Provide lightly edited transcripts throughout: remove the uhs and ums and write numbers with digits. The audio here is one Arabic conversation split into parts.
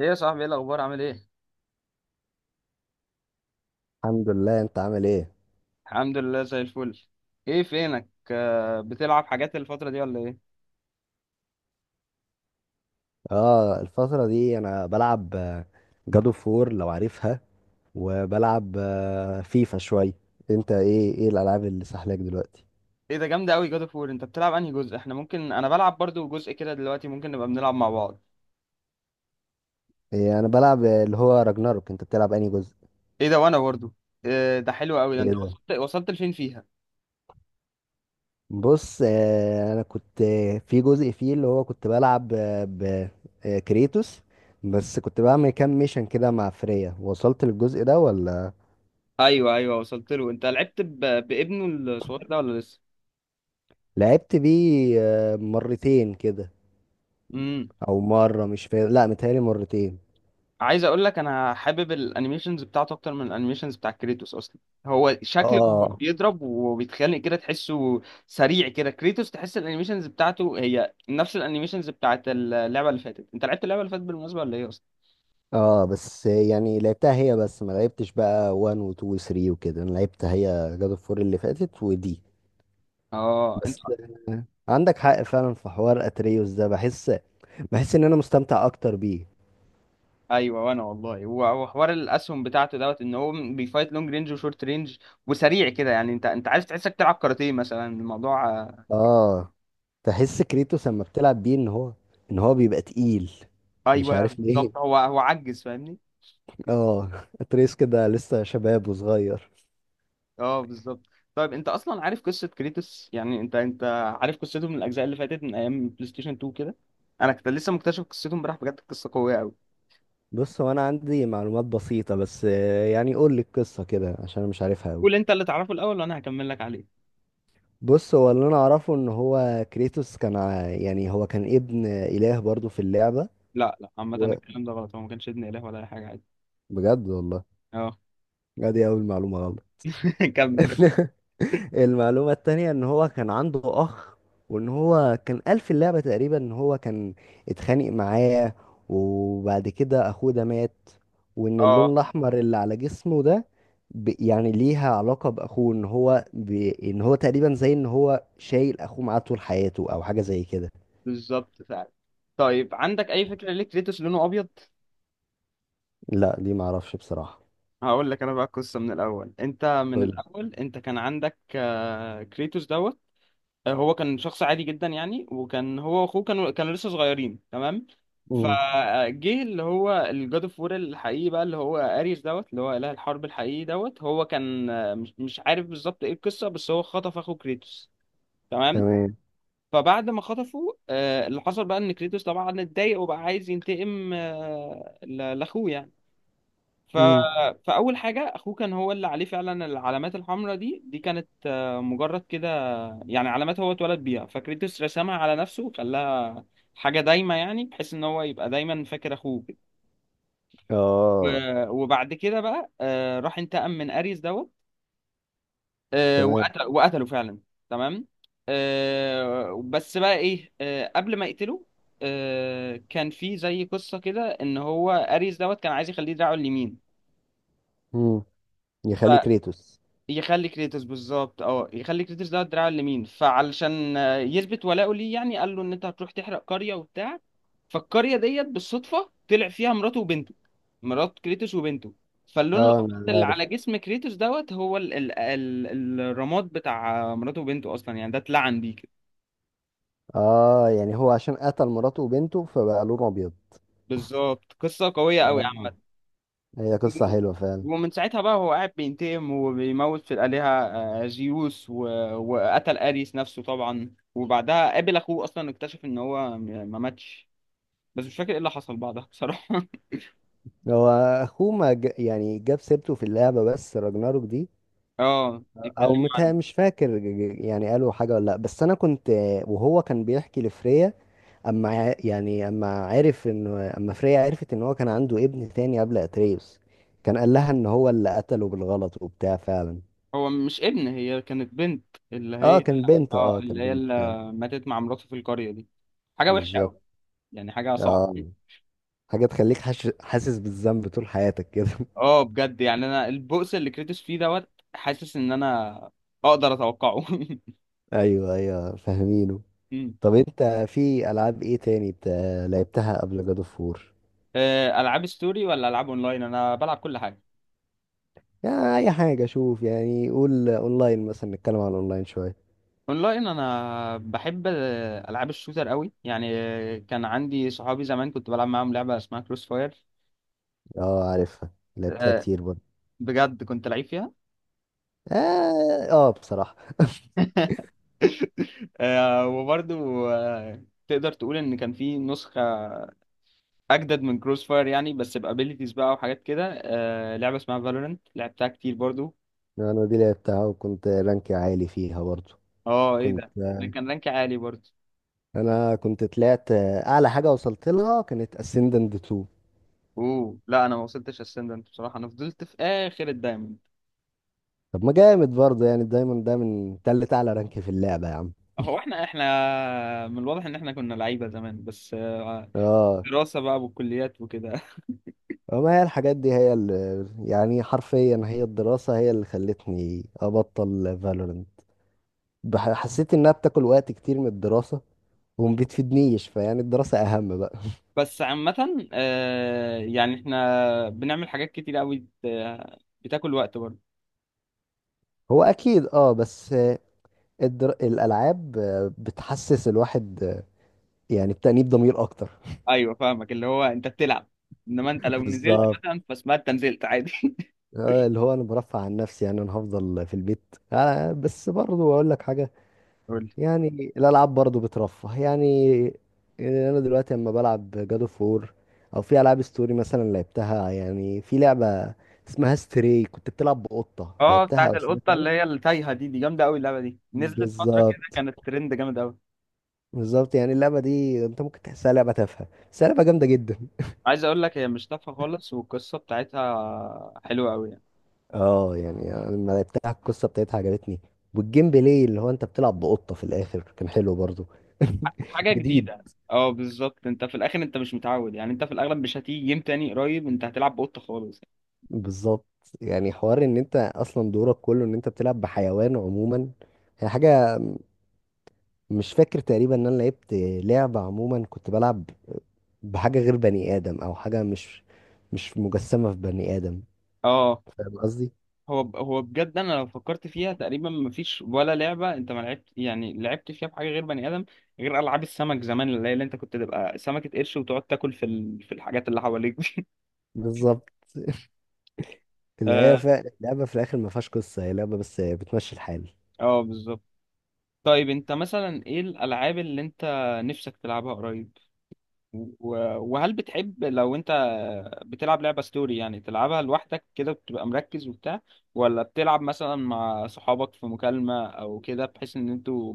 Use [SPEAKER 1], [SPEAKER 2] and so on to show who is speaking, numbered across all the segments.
[SPEAKER 1] ايه يا صاحبي، ايه الاخبار، عامل ايه؟
[SPEAKER 2] الحمد لله، انت عامل ايه؟
[SPEAKER 1] الحمد لله زي الفل. ايه فينك؟ بتلعب حاجات الفتره دي ولا ايه؟
[SPEAKER 2] اه الفترة دي انا بلعب جادو فور لو عارفها، وبلعب فيفا شوي. انت ايه الالعاب اللي سحلاك دلوقتي؟
[SPEAKER 1] ايه ده جامده قوي جاد اوف وور. انت بتلعب انهي جزء؟ احنا ممكن، انا بلعب برضو جزء كده دلوقتي، ممكن نبقى بنلعب مع بعض.
[SPEAKER 2] إيه، انا بلعب اللي هو راجناروك. انت بتلعب انهي جزء؟
[SPEAKER 1] ايه ده وانا برضو. إيه ده حلو قوي. ده
[SPEAKER 2] ايه
[SPEAKER 1] انت
[SPEAKER 2] ده.
[SPEAKER 1] وصلت لفين فيها؟
[SPEAKER 2] بص، انا كنت في جزء فيه اللي هو كنت بلعب آه، ب كريتوس، بس كنت بعمل كام ميشن كده مع فريا. وصلت للجزء ده ولا؟
[SPEAKER 1] ايوه ايوه وصلت له. انت لعبت بابنه الصغير ده ولا لسه؟
[SPEAKER 2] لعبت بيه مرتين كده.
[SPEAKER 1] امم.
[SPEAKER 2] او مره، مش فاكر، لا متهيألي مرتين.
[SPEAKER 1] عايز اقول لك، انا حابب الانيميشنز بتاعته اكتر من الانيميشنز بتاع كريتوس اصلا. هو شكله
[SPEAKER 2] اه.
[SPEAKER 1] بيضرب وبيتخانق كده، تحسه سريع كده. كريتوس تحس الانيميشنز بتاعته هي نفس الانيميشنز بتاعت اللعبه اللي فاتت. انت لعبت اللعبه اللي فاتت بالمناسبه ولا ايه اصلا؟
[SPEAKER 2] اه بس يعني لعبتها هي بس، ما لعبتش بقى 1 و 2 و 3 وكده، انا لعبتها هي، جاد اوف 4 اللي فاتت ودي.
[SPEAKER 1] اه انت.
[SPEAKER 2] بس. عندك حق فعلا، في حوار اتريوس ده بحس، بحس ان انا مستمتع اكتر بيه.
[SPEAKER 1] ايوه، وانا والله، هو حوار الاسهم بتاعته دوت، ان هو بيفايت لونج رينج وشورت رينج وسريع كده. يعني انت عايز تحسك تلعب كاراتيه مثلا، الموضوع
[SPEAKER 2] اه. تحس كريتوس لما بتلعب بيه ان هو، ان هو بيبقى تقيل، مش
[SPEAKER 1] ايوه
[SPEAKER 2] عارف ليه.
[SPEAKER 1] بالظبط، هو عجز فاهمني.
[SPEAKER 2] اه. اتريوس كده لسه شباب وصغير.
[SPEAKER 1] اه بالظبط. طيب انت اصلا عارف قصه كريتوس؟ يعني انت عارف قصته من الاجزاء اللي فاتت من ايام بلاي ستيشن 2 كده؟ انا كنت لسه مكتشف قصته امبارح، بجد قصه قويه قوي.
[SPEAKER 2] بص، هو انا عندي معلومات بسيطة بس، يعني قول لي القصة كده عشان انا مش عارفها قوي.
[SPEAKER 1] قول انت اللي تعرفه الاول وانا هكمل لك عليه.
[SPEAKER 2] بص، هو اللي انا اعرفه ان هو كريتوس كان يعني هو كان ابن اله برضو في اللعبة.
[SPEAKER 1] لا لا، عامه
[SPEAKER 2] و...
[SPEAKER 1] الكلام ده غلط، هو ما كانش ابن اله ولا اي حاجه عادي.
[SPEAKER 2] بجد والله؟
[SPEAKER 1] اه.
[SPEAKER 2] ادي اول معلومة غلط.
[SPEAKER 1] كمل كمل.
[SPEAKER 2] المعلومة التانية ان هو كان عنده اخ، وان هو كان قال في اللعبة تقريبا ان هو كان اتخانق معاه، وبعد كده اخوه ده مات، وان اللون
[SPEAKER 1] اه
[SPEAKER 2] الاحمر اللي على جسمه ده يعني ليها علاقة باخوه، ان هو ان هو تقريبا زي ان هو شايل اخوه معاه طول حياته او حاجة زي كده.
[SPEAKER 1] بالظبط فعلا. طيب عندك اي فكره ليه كريتوس لونه ابيض؟
[SPEAKER 2] لا دي ما اعرفش بصراحة.
[SPEAKER 1] هقول لك انا بقى القصه من الاول.
[SPEAKER 2] حلو.
[SPEAKER 1] انت كان عندك كريتوس دوت. هو كان شخص عادي جدا يعني، وكان هو واخوه كانوا لسه صغيرين تمام.
[SPEAKER 2] امم.
[SPEAKER 1] فجه اللي هو الجاد اوف وور الحقيقي بقى، اللي هو اريس دوت، اللي هو اله الحرب الحقيقي دوت. هو كان، مش عارف بالظبط ايه القصه، بس هو خطف اخو كريتوس. تمام.
[SPEAKER 2] تمام.
[SPEAKER 1] فبعد ما خطفه، اللي حصل بقى ان كريتوس طبعا اتضايق وبقى عايز ينتقم، لاخوه يعني. ف...
[SPEAKER 2] امم.
[SPEAKER 1] فاول حاجه، اخوه كان هو اللي عليه فعلا العلامات الحمراء دي. كانت مجرد كده يعني علامات هو اتولد بيها، فكريتوس رسمها على نفسه، خلاها حاجة دايمة، يعني بحيث ان هو يبقى دايما فاكر اخوه كده.
[SPEAKER 2] اه.
[SPEAKER 1] وبعد كده بقى، راح انتقم من اريس دوت.
[SPEAKER 2] تمام.
[SPEAKER 1] وقتله فعلا. تمام. بس بقى ايه قبل ما يقتله، كان في زي قصة كده، ان هو اريس دوت كان عايز يخليه دراعه اليمين.
[SPEAKER 2] امم. يخلي كريتوس.
[SPEAKER 1] يخلي كريتوس، بالظبط، اه يخلي كريتوس ده الدراع اليمين، فعلشان يثبت ولاؤه ليه، يعني قال له ان انت هتروح تحرق قرية وبتاع. فالقرية ديت بالصدفة طلع فيها مراته وبنته، مرات كريتوس وبنته. فاللون
[SPEAKER 2] اه
[SPEAKER 1] الابيض
[SPEAKER 2] انا
[SPEAKER 1] اللي
[SPEAKER 2] عارف.
[SPEAKER 1] على جسم كريتوس دوت هو ال ال ال الرماد بتاع مراته وبنته اصلا، يعني ده اتلعن بيه كده.
[SPEAKER 2] اه، يعني هو عشان قتل مراته وبنته فبقى لونه ابيض.
[SPEAKER 1] بالظبط، قصة قوية قوي
[SPEAKER 2] اه.
[SPEAKER 1] عامه.
[SPEAKER 2] هي قصة حلوة فعلا.
[SPEAKER 1] ومن ساعتها بقى هو قاعد بينتقم وبيموت في الآلهة، زيوس وقتل أريس نفسه طبعا. وبعدها قابل أخوه، أصلا اكتشف إن هو ما ماتش، بس مش فاكر إيه اللي حصل بعدها بصراحة.
[SPEAKER 2] هو أخوه ما ج... يعني جاب سيرته في اللعبة بس راجناروك دي؟
[SPEAKER 1] اه
[SPEAKER 2] أو
[SPEAKER 1] اتكلموا
[SPEAKER 2] متها
[SPEAKER 1] عنه.
[SPEAKER 2] مش فاكر. يعني قالوا حاجة ولا لأ؟ بس أنا كنت، وهو كان بيحكي لفريا، اما يعني اما عرف، ان اما فريا عرفت ان هو كان عنده ابن تاني قبل اتريوس، كان قال لها ان هو اللي قتله بالغلط وبتاع فعلا.
[SPEAKER 1] هو مش ابن، هي كانت بنت، اللي
[SPEAKER 2] اه
[SPEAKER 1] هي.
[SPEAKER 2] كان بنت،
[SPEAKER 1] اه
[SPEAKER 2] اه كان
[SPEAKER 1] اللي هي
[SPEAKER 2] بنت
[SPEAKER 1] اللي
[SPEAKER 2] فعلا.
[SPEAKER 1] ماتت مع مراته في القرية دي. حاجة وحشة أوي،
[SPEAKER 2] بالظبط.
[SPEAKER 1] يعني حاجة صعبة.
[SPEAKER 2] اه. حاجة تخليك حاسس بالذنب طول حياتك كده.
[SPEAKER 1] اه بجد، يعني أنا البؤس اللي كريتوس فيه دوت، حاسس إن أنا أقدر أتوقعه.
[SPEAKER 2] ايوه فاهمينه.
[SPEAKER 1] مم.
[SPEAKER 2] طب انت في العاب ايه تاني لعبتها قبل جاد اوف وور؟
[SPEAKER 1] العاب ستوري ولا العاب اونلاين؟ انا بلعب كل حاجه.
[SPEAKER 2] يعني اي حاجة، شوف، يعني قول اونلاين مثلا، نتكلم عن اونلاين شوية.
[SPEAKER 1] اونلاين انا بحب العاب الشوتر قوي يعني. كان عندي صحابي زمان كنت بلعب معاهم لعبه اسمها كروس فاير.
[SPEAKER 2] اه عارفها، لعبتها
[SPEAKER 1] آه،
[SPEAKER 2] كتير برضه.
[SPEAKER 1] بجد كنت لعيب فيها.
[SPEAKER 2] اه، بصراحة.
[SPEAKER 1] آه، وبرضو آه، تقدر تقول ان كان في نسخه اجدد من كروس فاير يعني، بس بابيليتيز بقى وحاجات كده، لعبه اسمها فالورنت لعبتها كتير برضو.
[SPEAKER 2] انا دي لعبتها وكنت رانكي عالي فيها برضو.
[SPEAKER 1] اه ايه
[SPEAKER 2] كنت
[SPEAKER 1] ده، ده كان رانك عالي برضو.
[SPEAKER 2] انا كنت طلعت اعلى حاجه وصلت لها كانت اسندنت 2.
[SPEAKER 1] اوه لا، انا ما وصلتش اسندنت بصراحه، انا فضلت في اخر الدايموند.
[SPEAKER 2] طب ما جامد برضو يعني، الدايموند ده من تالت اعلى رانك في اللعبه يا عم.
[SPEAKER 1] هو احنا من الواضح ان احنا كنا لعيبه زمان، بس
[SPEAKER 2] اه.
[SPEAKER 1] دراسه بقى والكليات وكده.
[SPEAKER 2] وما هي الحاجات دي هي اللي يعني حرفيا، هي الدراسه هي اللي خلتني ابطل فالورنت، حسيت انها بتاكل وقت كتير من الدراسه، وما بتفيدنيش، فيعني الدراسه اهم بقى.
[SPEAKER 1] بس عامه يعني احنا بنعمل حاجات كتير قوي، بت- بتاكل وقت برضه.
[SPEAKER 2] هو اكيد اه، بس الالعاب بتحسس الواحد يعني، بتأنيب ضمير اكتر.
[SPEAKER 1] ايوه فاهمك، اللي هو انت بتلعب، انما انت لو نزلت
[SPEAKER 2] بالظبط.
[SPEAKER 1] مثلا فاسمها انت نزلت عادي.
[SPEAKER 2] اللي هو انا برفع عن نفسي يعني، انا هفضل في البيت، بس برضو اقول لك حاجه.
[SPEAKER 1] قول لي.
[SPEAKER 2] يعني الالعاب برضو بترفه يعني. انا دلوقتي لما بلعب جاد اوف وور، او في العاب ستوري مثلا لعبتها، يعني في لعبه اسمها ستري، كنت بتلعب بقطه.
[SPEAKER 1] اه
[SPEAKER 2] لعبتها
[SPEAKER 1] بتاعت
[SPEAKER 2] او سمعت
[SPEAKER 1] القطه
[SPEAKER 2] عنها؟
[SPEAKER 1] اللي هي التايهه دي جامده قوي. اللعبه دي نزلت فتره كده
[SPEAKER 2] بالظبط.
[SPEAKER 1] كانت ترند جامد قوي.
[SPEAKER 2] بالظبط. يعني اللعبه دي انت ممكن تحسها لعبه تافهه، بس هي لعبه جامده جدا.
[SPEAKER 1] عايز اقول لك، هي مش تافهه خالص، والقصه بتاعتها حلوه قوي.
[SPEAKER 2] اه يعني، أنا لما لعبتها القصه بتاعتها عجبتني، والجيم بلاي اللي هو انت بتلعب بقطه في الاخر كان حلو برضو.
[SPEAKER 1] حاجه
[SPEAKER 2] جديد.
[SPEAKER 1] جديده. اه بالظبط، انت في الاخر انت مش متعود، يعني انت في الاغلب مش هتيجي جيم تاني قريب انت هتلعب بقطه خالص.
[SPEAKER 2] بالظبط. يعني حوار ان انت اصلا دورك كله ان انت بتلعب بحيوان عموما. هي حاجه، مش فاكر تقريبا ان انا لعبت لعبه عموما كنت بلعب بحاجه غير بني ادم، او حاجه مش مجسمه في بني ادم.
[SPEAKER 1] اه،
[SPEAKER 2] فاهم قصدي.
[SPEAKER 1] هو بجد انا لو فكرت فيها تقريبا مفيش ولا لعبه انت ما لعبت، يعني لعبت فيها بحاجه غير بني ادم، غير العاب السمك زمان، اللي هي اللي انت كنت تبقى سمكه قرش وتقعد تاكل في الحاجات اللي حواليك دي.
[SPEAKER 2] بالظبط. اللي هي
[SPEAKER 1] اه
[SPEAKER 2] فعلا لعبه في الاخر ما فيهاش قصه، هي لعبه بس بتمشي الحال.
[SPEAKER 1] اه بالظبط. طيب انت مثلا ايه الالعاب اللي انت نفسك تلعبها قريب؟ وهل بتحب لو انت بتلعب لعبة ستوري، يعني تلعبها لوحدك كده بتبقى مركز وبتاع، ولا بتلعب مثلا مع صحابك في مكالمة او كده، بحيث ان انتوا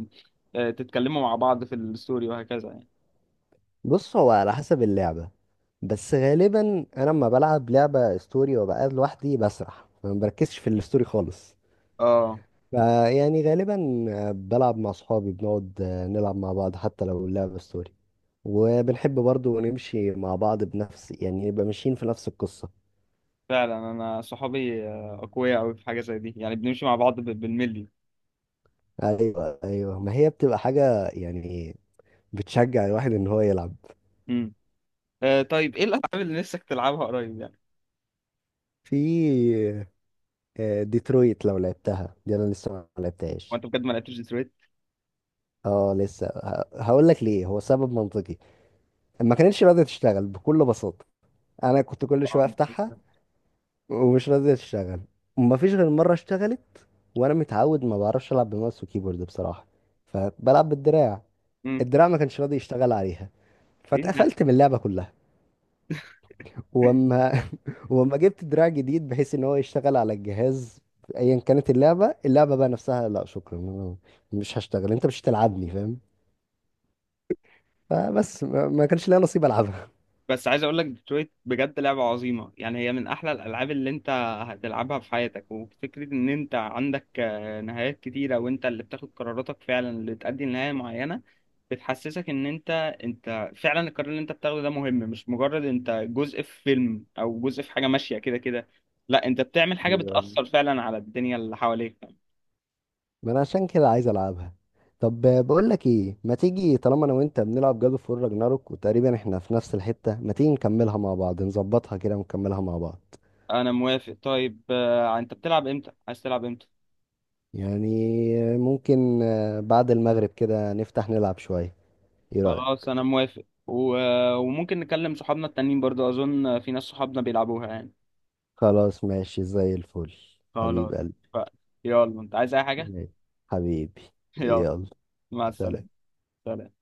[SPEAKER 1] تتكلموا مع بعض في الستوري وهكذا يعني؟
[SPEAKER 2] بص، هو على حسب اللعبة، بس غالبا انا لما بلعب لعبة ستوري وبقى لوحدي بسرح، ما بركزش في الستوري خالص.
[SPEAKER 1] اه
[SPEAKER 2] فيعني غالبا بلعب مع اصحابي، بنقعد نلعب مع بعض حتى لو اللعبة ستوري، وبنحب برضو نمشي مع بعض بنفس يعني، نبقى ماشيين في نفس القصة.
[SPEAKER 1] فعلا، انا صحابي اقوياء قوي في حاجة زي دي، يعني بنمشي مع بعض بالملي.
[SPEAKER 2] ايوه ما هي بتبقى حاجة يعني بتشجع الواحد ان هو يلعب.
[SPEAKER 1] امم. طيب ايه الالعاب اللي نفسك تلعبها قريب يعني؟
[SPEAKER 2] في ديترويت لو لعبتها، دي انا لسه ما لعبتهاش.
[SPEAKER 1] وانت بجد ما لعبتش ديترويت؟
[SPEAKER 2] اه لسه، هقول لك ليه، هو سبب منطقي. ما كانتش راضيه تشتغل بكل بساطه، انا كنت كل
[SPEAKER 1] اه.
[SPEAKER 2] شويه افتحها ومش راضيه تشتغل، وما فيش غير مره اشتغلت، وانا متعود ما بعرفش العب بماوس وكيبورد بصراحه، فبلعب بالدراع.
[SPEAKER 1] امم.
[SPEAKER 2] الدراع ما كانش راضي يشتغل عليها،
[SPEAKER 1] ايه،
[SPEAKER 2] فاتقفلت من اللعبه كلها. واما واما جبت دراع جديد بحيث ان هو يشتغل على الجهاز ايا كانت اللعبه، اللعبه بقى نفسها لا شكرا أنا مش هشتغل، انت مش هتلعبني فاهم؟ فبس ما كانش ليا نصيب العبها.
[SPEAKER 1] بس عايز اقول لك، ديترويت بجد لعبه عظيمه، يعني هي من احلى الالعاب اللي انت هتلعبها في حياتك. وفكره ان انت عندك نهايات كتيره وانت اللي بتاخد قراراتك فعلا اللي تؤدي لنهايه معينه، بتحسسك ان انت فعلا القرار اللي انت بتاخده ده مهم، مش مجرد انت جزء في فيلم او جزء في حاجه ماشيه كده كده. لا، انت بتعمل حاجه بتاثر فعلا على الدنيا اللي حواليك.
[SPEAKER 2] ما انا عشان كده عايز العبها. طب بقول لك ايه، ما تيجي طالما انا وانت بنلعب جاد اوف وور راجناروك، وتقريبا احنا في نفس الحتة، ما تيجي نكملها مع بعض، نظبطها كده ونكملها مع بعض.
[SPEAKER 1] انا موافق. طيب انت بتلعب امتى؟ عايز تلعب امتى؟
[SPEAKER 2] يعني ممكن بعد المغرب كده نفتح نلعب شوية. ايه رأيك؟
[SPEAKER 1] خلاص انا موافق. وممكن نكلم صحابنا التانيين برضو، اظن في ناس صحابنا بيلعبوها يعني.
[SPEAKER 2] خلاص ماشي زي الفل. حبيب
[SPEAKER 1] خلاص.
[SPEAKER 2] قلبي.
[SPEAKER 1] ف... يلا انت عايز اي حاجة؟
[SPEAKER 2] ماشي. حبيبي.
[SPEAKER 1] يلا.
[SPEAKER 2] يلا.
[SPEAKER 1] مع السلامة.
[SPEAKER 2] سلام.
[SPEAKER 1] سلام.